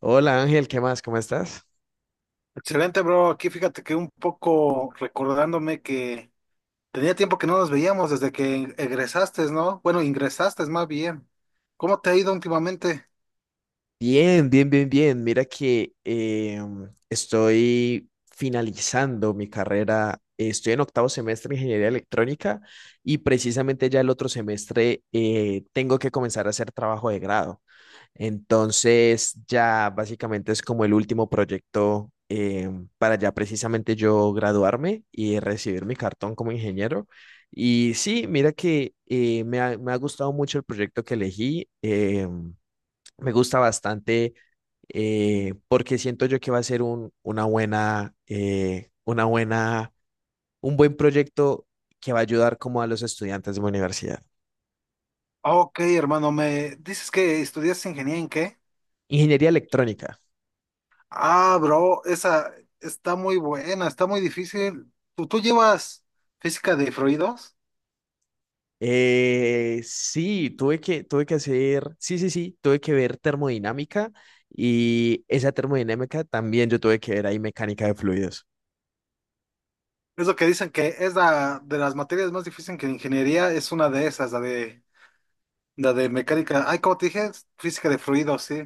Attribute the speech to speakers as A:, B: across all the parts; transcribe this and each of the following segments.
A: Hola Ángel, ¿qué más? ¿Cómo estás?
B: Excelente, bro. Aquí fíjate que un poco recordándome que tenía tiempo que no nos veíamos desde que egresaste, ¿no? Bueno, ingresaste más bien. ¿Cómo te ha ido últimamente?
A: Bien, bien, bien, bien. Mira que estoy finalizando mi carrera. Estoy en octavo semestre de ingeniería electrónica y precisamente ya el otro semestre tengo que comenzar a hacer trabajo de grado. Entonces ya básicamente es como el último proyecto para ya precisamente yo graduarme y recibir mi cartón como ingeniero. Y sí, mira que me ha gustado mucho el proyecto que elegí. Me gusta bastante porque siento yo que va a ser un, una buena, un buen proyecto que va a ayudar como a los estudiantes de mi universidad.
B: Ah, ok, hermano, me dices que estudias ingeniería ¿en qué?
A: Ingeniería electrónica.
B: Ah, bro, esa está muy buena, está muy difícil. ¿Tú llevas física de fluidos?
A: Sí, tuve que hacer, sí, sí, sí, tuve que ver termodinámica y esa termodinámica también yo tuve que ver ahí mecánica de fluidos.
B: Es lo que dicen que es la de las materias más difíciles que ingeniería, es una de esas, la de mecánica. Ay, como te dije, física de fluidos, sí.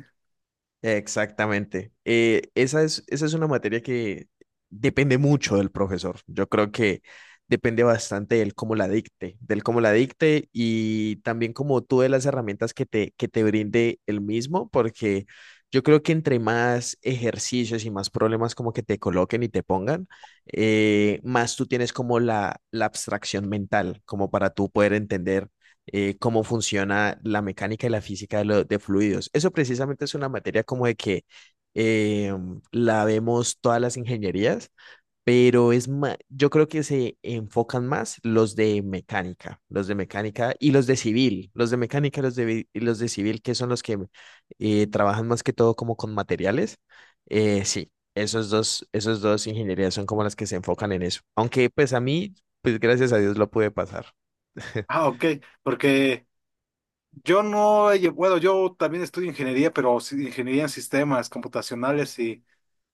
A: Exactamente. Esa es, esa es una materia que depende mucho del profesor. Yo creo que depende bastante del cómo la dicte, del cómo la dicte y también como tú de las herramientas que te brinde el mismo, porque yo creo que entre más ejercicios y más problemas como que te coloquen y te pongan, más tú tienes como la abstracción mental, como para tú poder entender cómo funciona la mecánica y la física de, de fluidos. Eso precisamente es una materia como de que eh, la vemos todas las ingenierías, pero es yo creo que se enfocan más los de mecánica y los de civil, los de mecánica y los de, y los de civil, que son los que trabajan más que todo como con materiales. Sí. Esos dos ingenierías son como las que se enfocan en eso. Aunque pues a mí, pues gracias a Dios lo pude pasar.
B: Ah, ok, porque yo no, he lle- bueno, yo también estudio ingeniería, pero sí ingeniería en sistemas computacionales y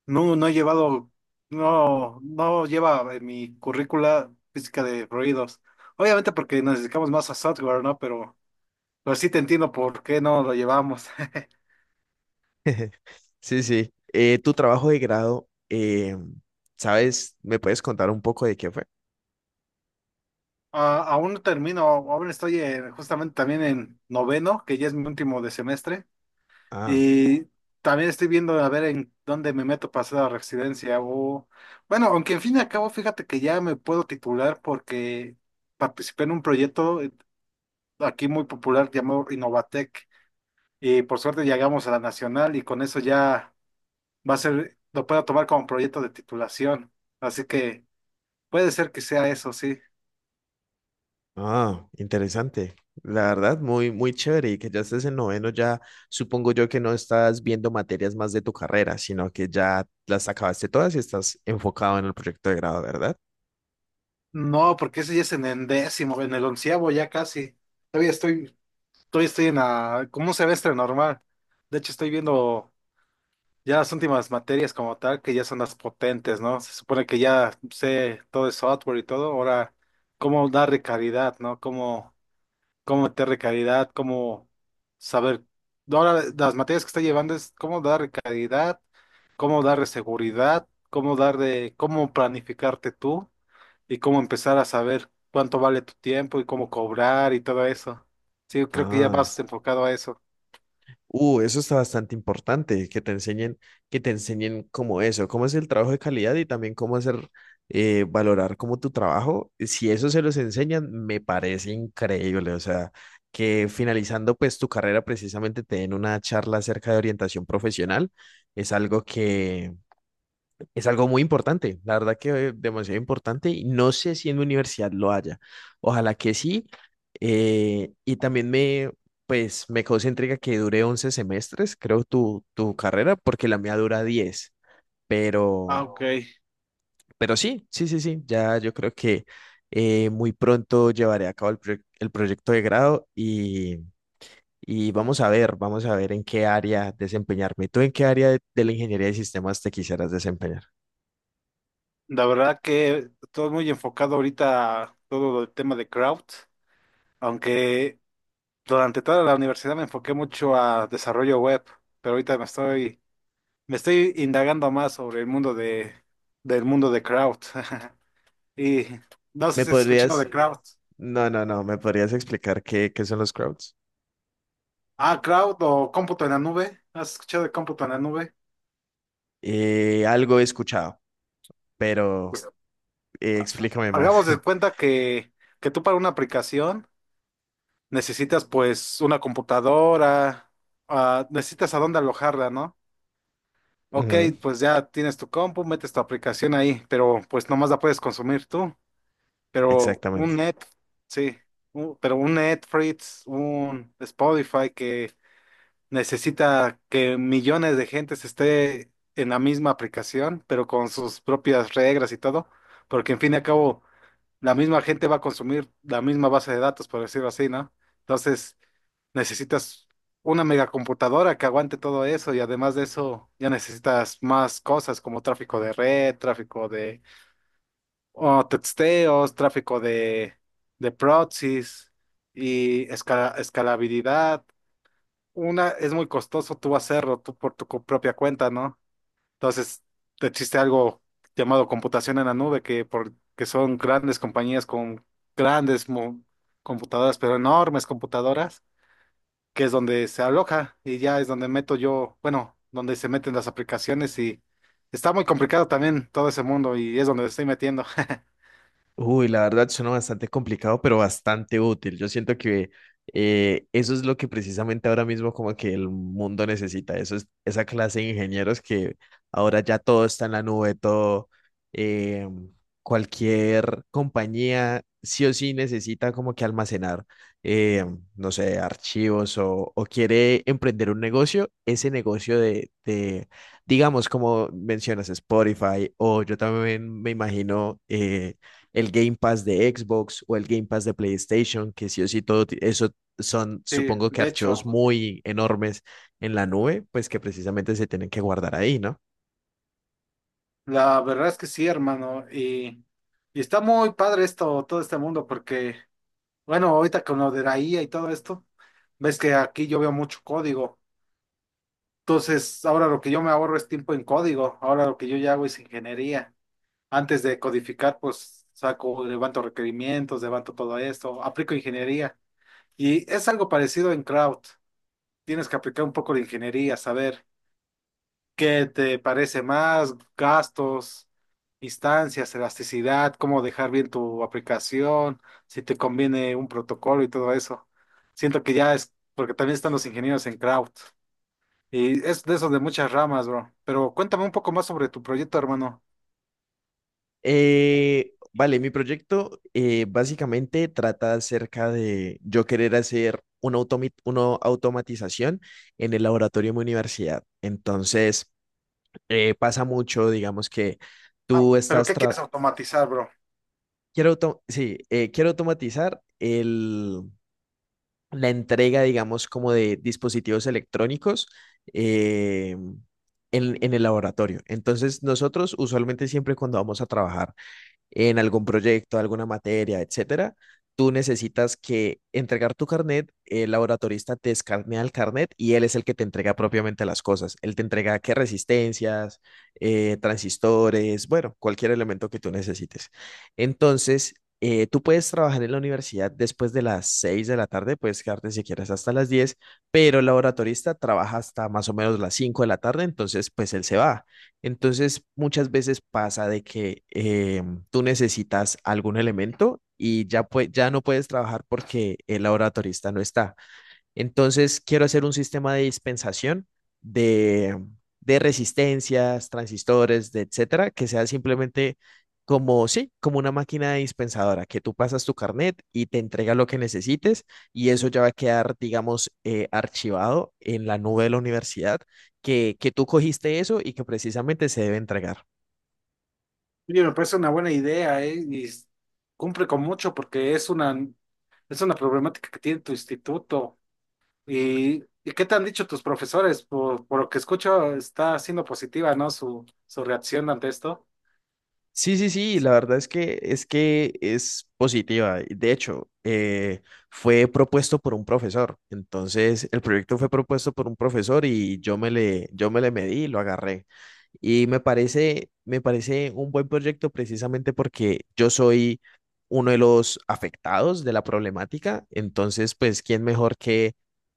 B: no, no he llevado, no lleva en mi currícula física de ruidos. Obviamente porque nos dedicamos más a software, ¿no? Pero sí te entiendo por qué no lo llevamos.
A: Sí, sí. Tu trabajo de grado, ¿sabes? ¿Me puedes contar un poco de qué fue?
B: Ah, aún no termino, justamente también en noveno, que ya es mi último de semestre.
A: Ah,
B: Y también estoy viendo a ver en dónde me meto para hacer la residencia o... Bueno, aunque en fin y al cabo, fíjate que ya me puedo titular porque participé en un proyecto aquí muy popular llamado Innovatec, y por suerte llegamos a la nacional y con eso ya va a ser, lo puedo tomar como proyecto de titulación. Así que puede ser que sea eso, sí.
A: ah, interesante. La verdad, muy, muy chévere. Y que ya estés en noveno, ya supongo yo que no estás viendo materias más de tu carrera, sino que ya las acabaste todas y estás enfocado en el proyecto de grado, ¿verdad?
B: No, porque ese ya es en el décimo, en el onceavo ya casi. Todavía estoy, todavía estoy en la, como un semestre normal. De hecho, estoy viendo. Ya las últimas materias como tal, que ya son las potentes, ¿no? Se supone que ya sé todo el software y todo, ahora cómo darle calidad, ¿no? Cómo meterle calidad, cómo saber. Ahora las materias que está llevando es cómo darle calidad, cómo darle seguridad, cómo darle, cómo planificarte tú y cómo empezar a saber cuánto vale tu tiempo y cómo cobrar y todo eso. Sí, yo creo que ya
A: Ah,
B: vas enfocado a eso.
A: uh, eso está bastante importante, que te enseñen cómo eso, cómo es el trabajo de calidad y también cómo hacer, valorar como tu trabajo. Si eso se los enseñan, me parece increíble. O sea, que finalizando pues tu carrera precisamente te den una charla acerca de orientación profesional, es algo que es algo muy importante, la verdad que demasiado importante y no sé si en mi universidad lo haya. Ojalá que sí. Y también pues, me causa intriga que dure 11 semestres, creo, tu carrera, porque la mía dura 10.
B: Ah,
A: Pero,
B: ok.
A: pero sí, sí, sí, sí, ya yo creo que muy pronto llevaré a cabo el proyecto de grado y vamos a ver en qué área desempeñarme. ¿Tú en qué área de la ingeniería de sistemas te quisieras desempeñar?
B: La verdad que todo muy enfocado ahorita a todo el tema de crowd, aunque durante toda la universidad me enfoqué mucho a desarrollo web, pero me estoy indagando más sobre del mundo de crowd. Y no sé
A: ¿Me
B: si has escuchado
A: podrías
B: de crowd.
A: No, no, no, ¿me podrías explicar qué, qué son los crowds?
B: Ah, crowd o cómputo en la nube. ¿Has escuchado de cómputo en la nube?
A: Algo he escuchado, pero
B: Pues,
A: explícame más.
B: hagamos de cuenta que tú para una aplicación. Necesitas pues una computadora, ah, necesitas a dónde alojarla, ¿no? Ok,
A: Ujú,
B: pues ya tienes tu compu, metes tu aplicación ahí, pero pues nomás la puedes consumir tú. Pero un
A: exactamente.
B: net, sí, pero un Netflix, un Spotify que necesita que millones de gentes esté en la misma aplicación, pero con sus propias reglas y todo, porque en fin y al cabo la misma gente va a consumir la misma base de datos, por decirlo así, ¿no? Entonces necesitas una megacomputadora que aguante todo eso, y además de eso ya necesitas más cosas como tráfico de red, tráfico de o texteos, de proxies y escalabilidad. Una es muy costoso tú hacerlo tú por tu propia cuenta, ¿no? Entonces existe algo llamado computación en la nube que son grandes compañías con grandes mo- computadoras, pero enormes computadoras, que es donde se aloja y ya es donde meto yo, bueno, donde se meten las aplicaciones, y está muy complicado también todo ese mundo y es donde estoy metiendo.
A: Uy, la verdad suena bastante complicado, pero bastante útil. Yo siento que eso es lo que precisamente ahora mismo como que el mundo necesita. Eso es esa clase de ingenieros que ahora ya todo está en la nube, todo, eh, cualquier compañía sí o sí necesita como que almacenar, eh, no sé, archivos o quiere emprender un negocio, ese negocio de, digamos, como mencionas Spotify o yo también me imagino... el Game Pass de Xbox o el Game Pass de PlayStation, que sí o sí todo eso son,
B: Sí,
A: supongo que
B: de
A: archivos
B: hecho,
A: muy enormes en la nube, pues que precisamente se tienen que guardar ahí, ¿no?
B: la verdad es que sí, hermano, y está muy padre esto, todo este mundo, porque, bueno, ahorita con lo de la IA y todo esto, ves que aquí yo veo mucho código, entonces ahora lo que yo me ahorro es tiempo en código, ahora lo que yo ya hago es ingeniería. Antes de codificar, pues saco, levanto requerimientos, levanto todo esto, aplico ingeniería. Y es algo parecido en crowd. Tienes que aplicar un poco de ingeniería, saber qué te parece más, gastos, instancias, elasticidad, cómo dejar bien tu aplicación, si te conviene un protocolo y todo eso. Siento que ya es, porque también están los ingenieros en crowd. Y es de esos de muchas ramas, bro. Pero cuéntame un poco más sobre tu proyecto, hermano.
A: Vale, mi proyecto básicamente trata acerca de yo querer hacer una automatización en el laboratorio de mi universidad. Entonces, pasa mucho, digamos que
B: Ah,
A: tú
B: pero
A: estás...
B: ¿qué quieres
A: tra-
B: automatizar, bro?
A: Quiero, auto sí, quiero automatizar la entrega, digamos, como de dispositivos electrónicos eh, en el laboratorio. Entonces, nosotros usualmente siempre cuando vamos a trabajar en algún proyecto, alguna materia, etcétera, tú necesitas que entregar tu carnet, el laboratorista te escanea el carnet y él es el que te entrega propiamente las cosas. Él te entrega qué resistencias, transistores, bueno, cualquier elemento que tú necesites. Entonces, tú puedes trabajar en la universidad después de las 6 de la tarde, puedes quedarte si quieres hasta las 10, pero el laboratorista trabaja hasta más o menos las 5 de la tarde, entonces pues él se va. Entonces, muchas veces pasa de que tú necesitas algún elemento y ya, ya no puedes trabajar porque el laboratorista no está. Entonces, quiero hacer un sistema de dispensación de, de resistencias, transistores, de etcétera, que sea simplemente como, sí, como una máquina dispensadora, que tú pasas tu carnet y te entrega lo que necesites y eso ya va a quedar, digamos, archivado en la nube de la universidad, que tú cogiste eso y que precisamente se debe entregar.
B: Oye, me parece una buena idea, ¿eh? Cumple con mucho porque es una problemática que tiene tu instituto. Y qué te han dicho tus profesores? Por lo que escucho, está siendo positiva, ¿no? Su reacción ante esto.
A: Sí, sí, sí, la verdad es que es que es positiva. De hecho, fue propuesto por un profesor. Entonces, el proyecto fue propuesto por un profesor y yo me le medí y lo agarré. Y me parece un buen proyecto precisamente porque yo soy uno de los afectados de la problemática. Entonces, pues, ¿quién mejor que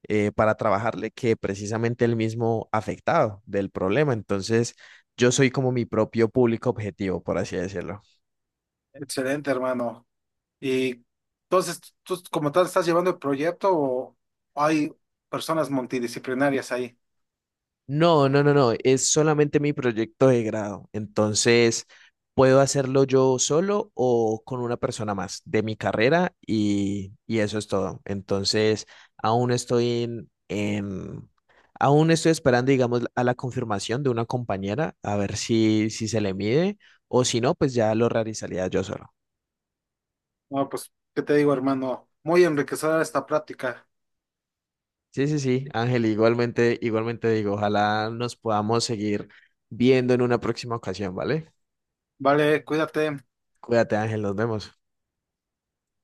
A: para trabajarle que precisamente el mismo afectado del problema? Entonces, yo soy como mi propio público objetivo, por así decirlo.
B: Excelente, hermano. Y entonces, ¿tú como tal estás llevando el proyecto o hay personas multidisciplinarias ahí?
A: No, no, no, no, es solamente mi proyecto de grado. Entonces, puedo hacerlo yo solo o con una persona más de mi carrera y eso es todo. Entonces, aún estoy en, en- aún estoy esperando, digamos, a la confirmación de una compañera, a ver si, si se le mide o si no, pues ya lo realizaría yo solo.
B: No, pues, ¿qué te digo, hermano? Muy enriquecedora esta práctica.
A: Sí, sí, sí, Ángel, igualmente, igualmente digo, ojalá nos podamos seguir viendo en una próxima ocasión, ¿vale?
B: Vale, cuídate.
A: Cuídate, Ángel, nos vemos.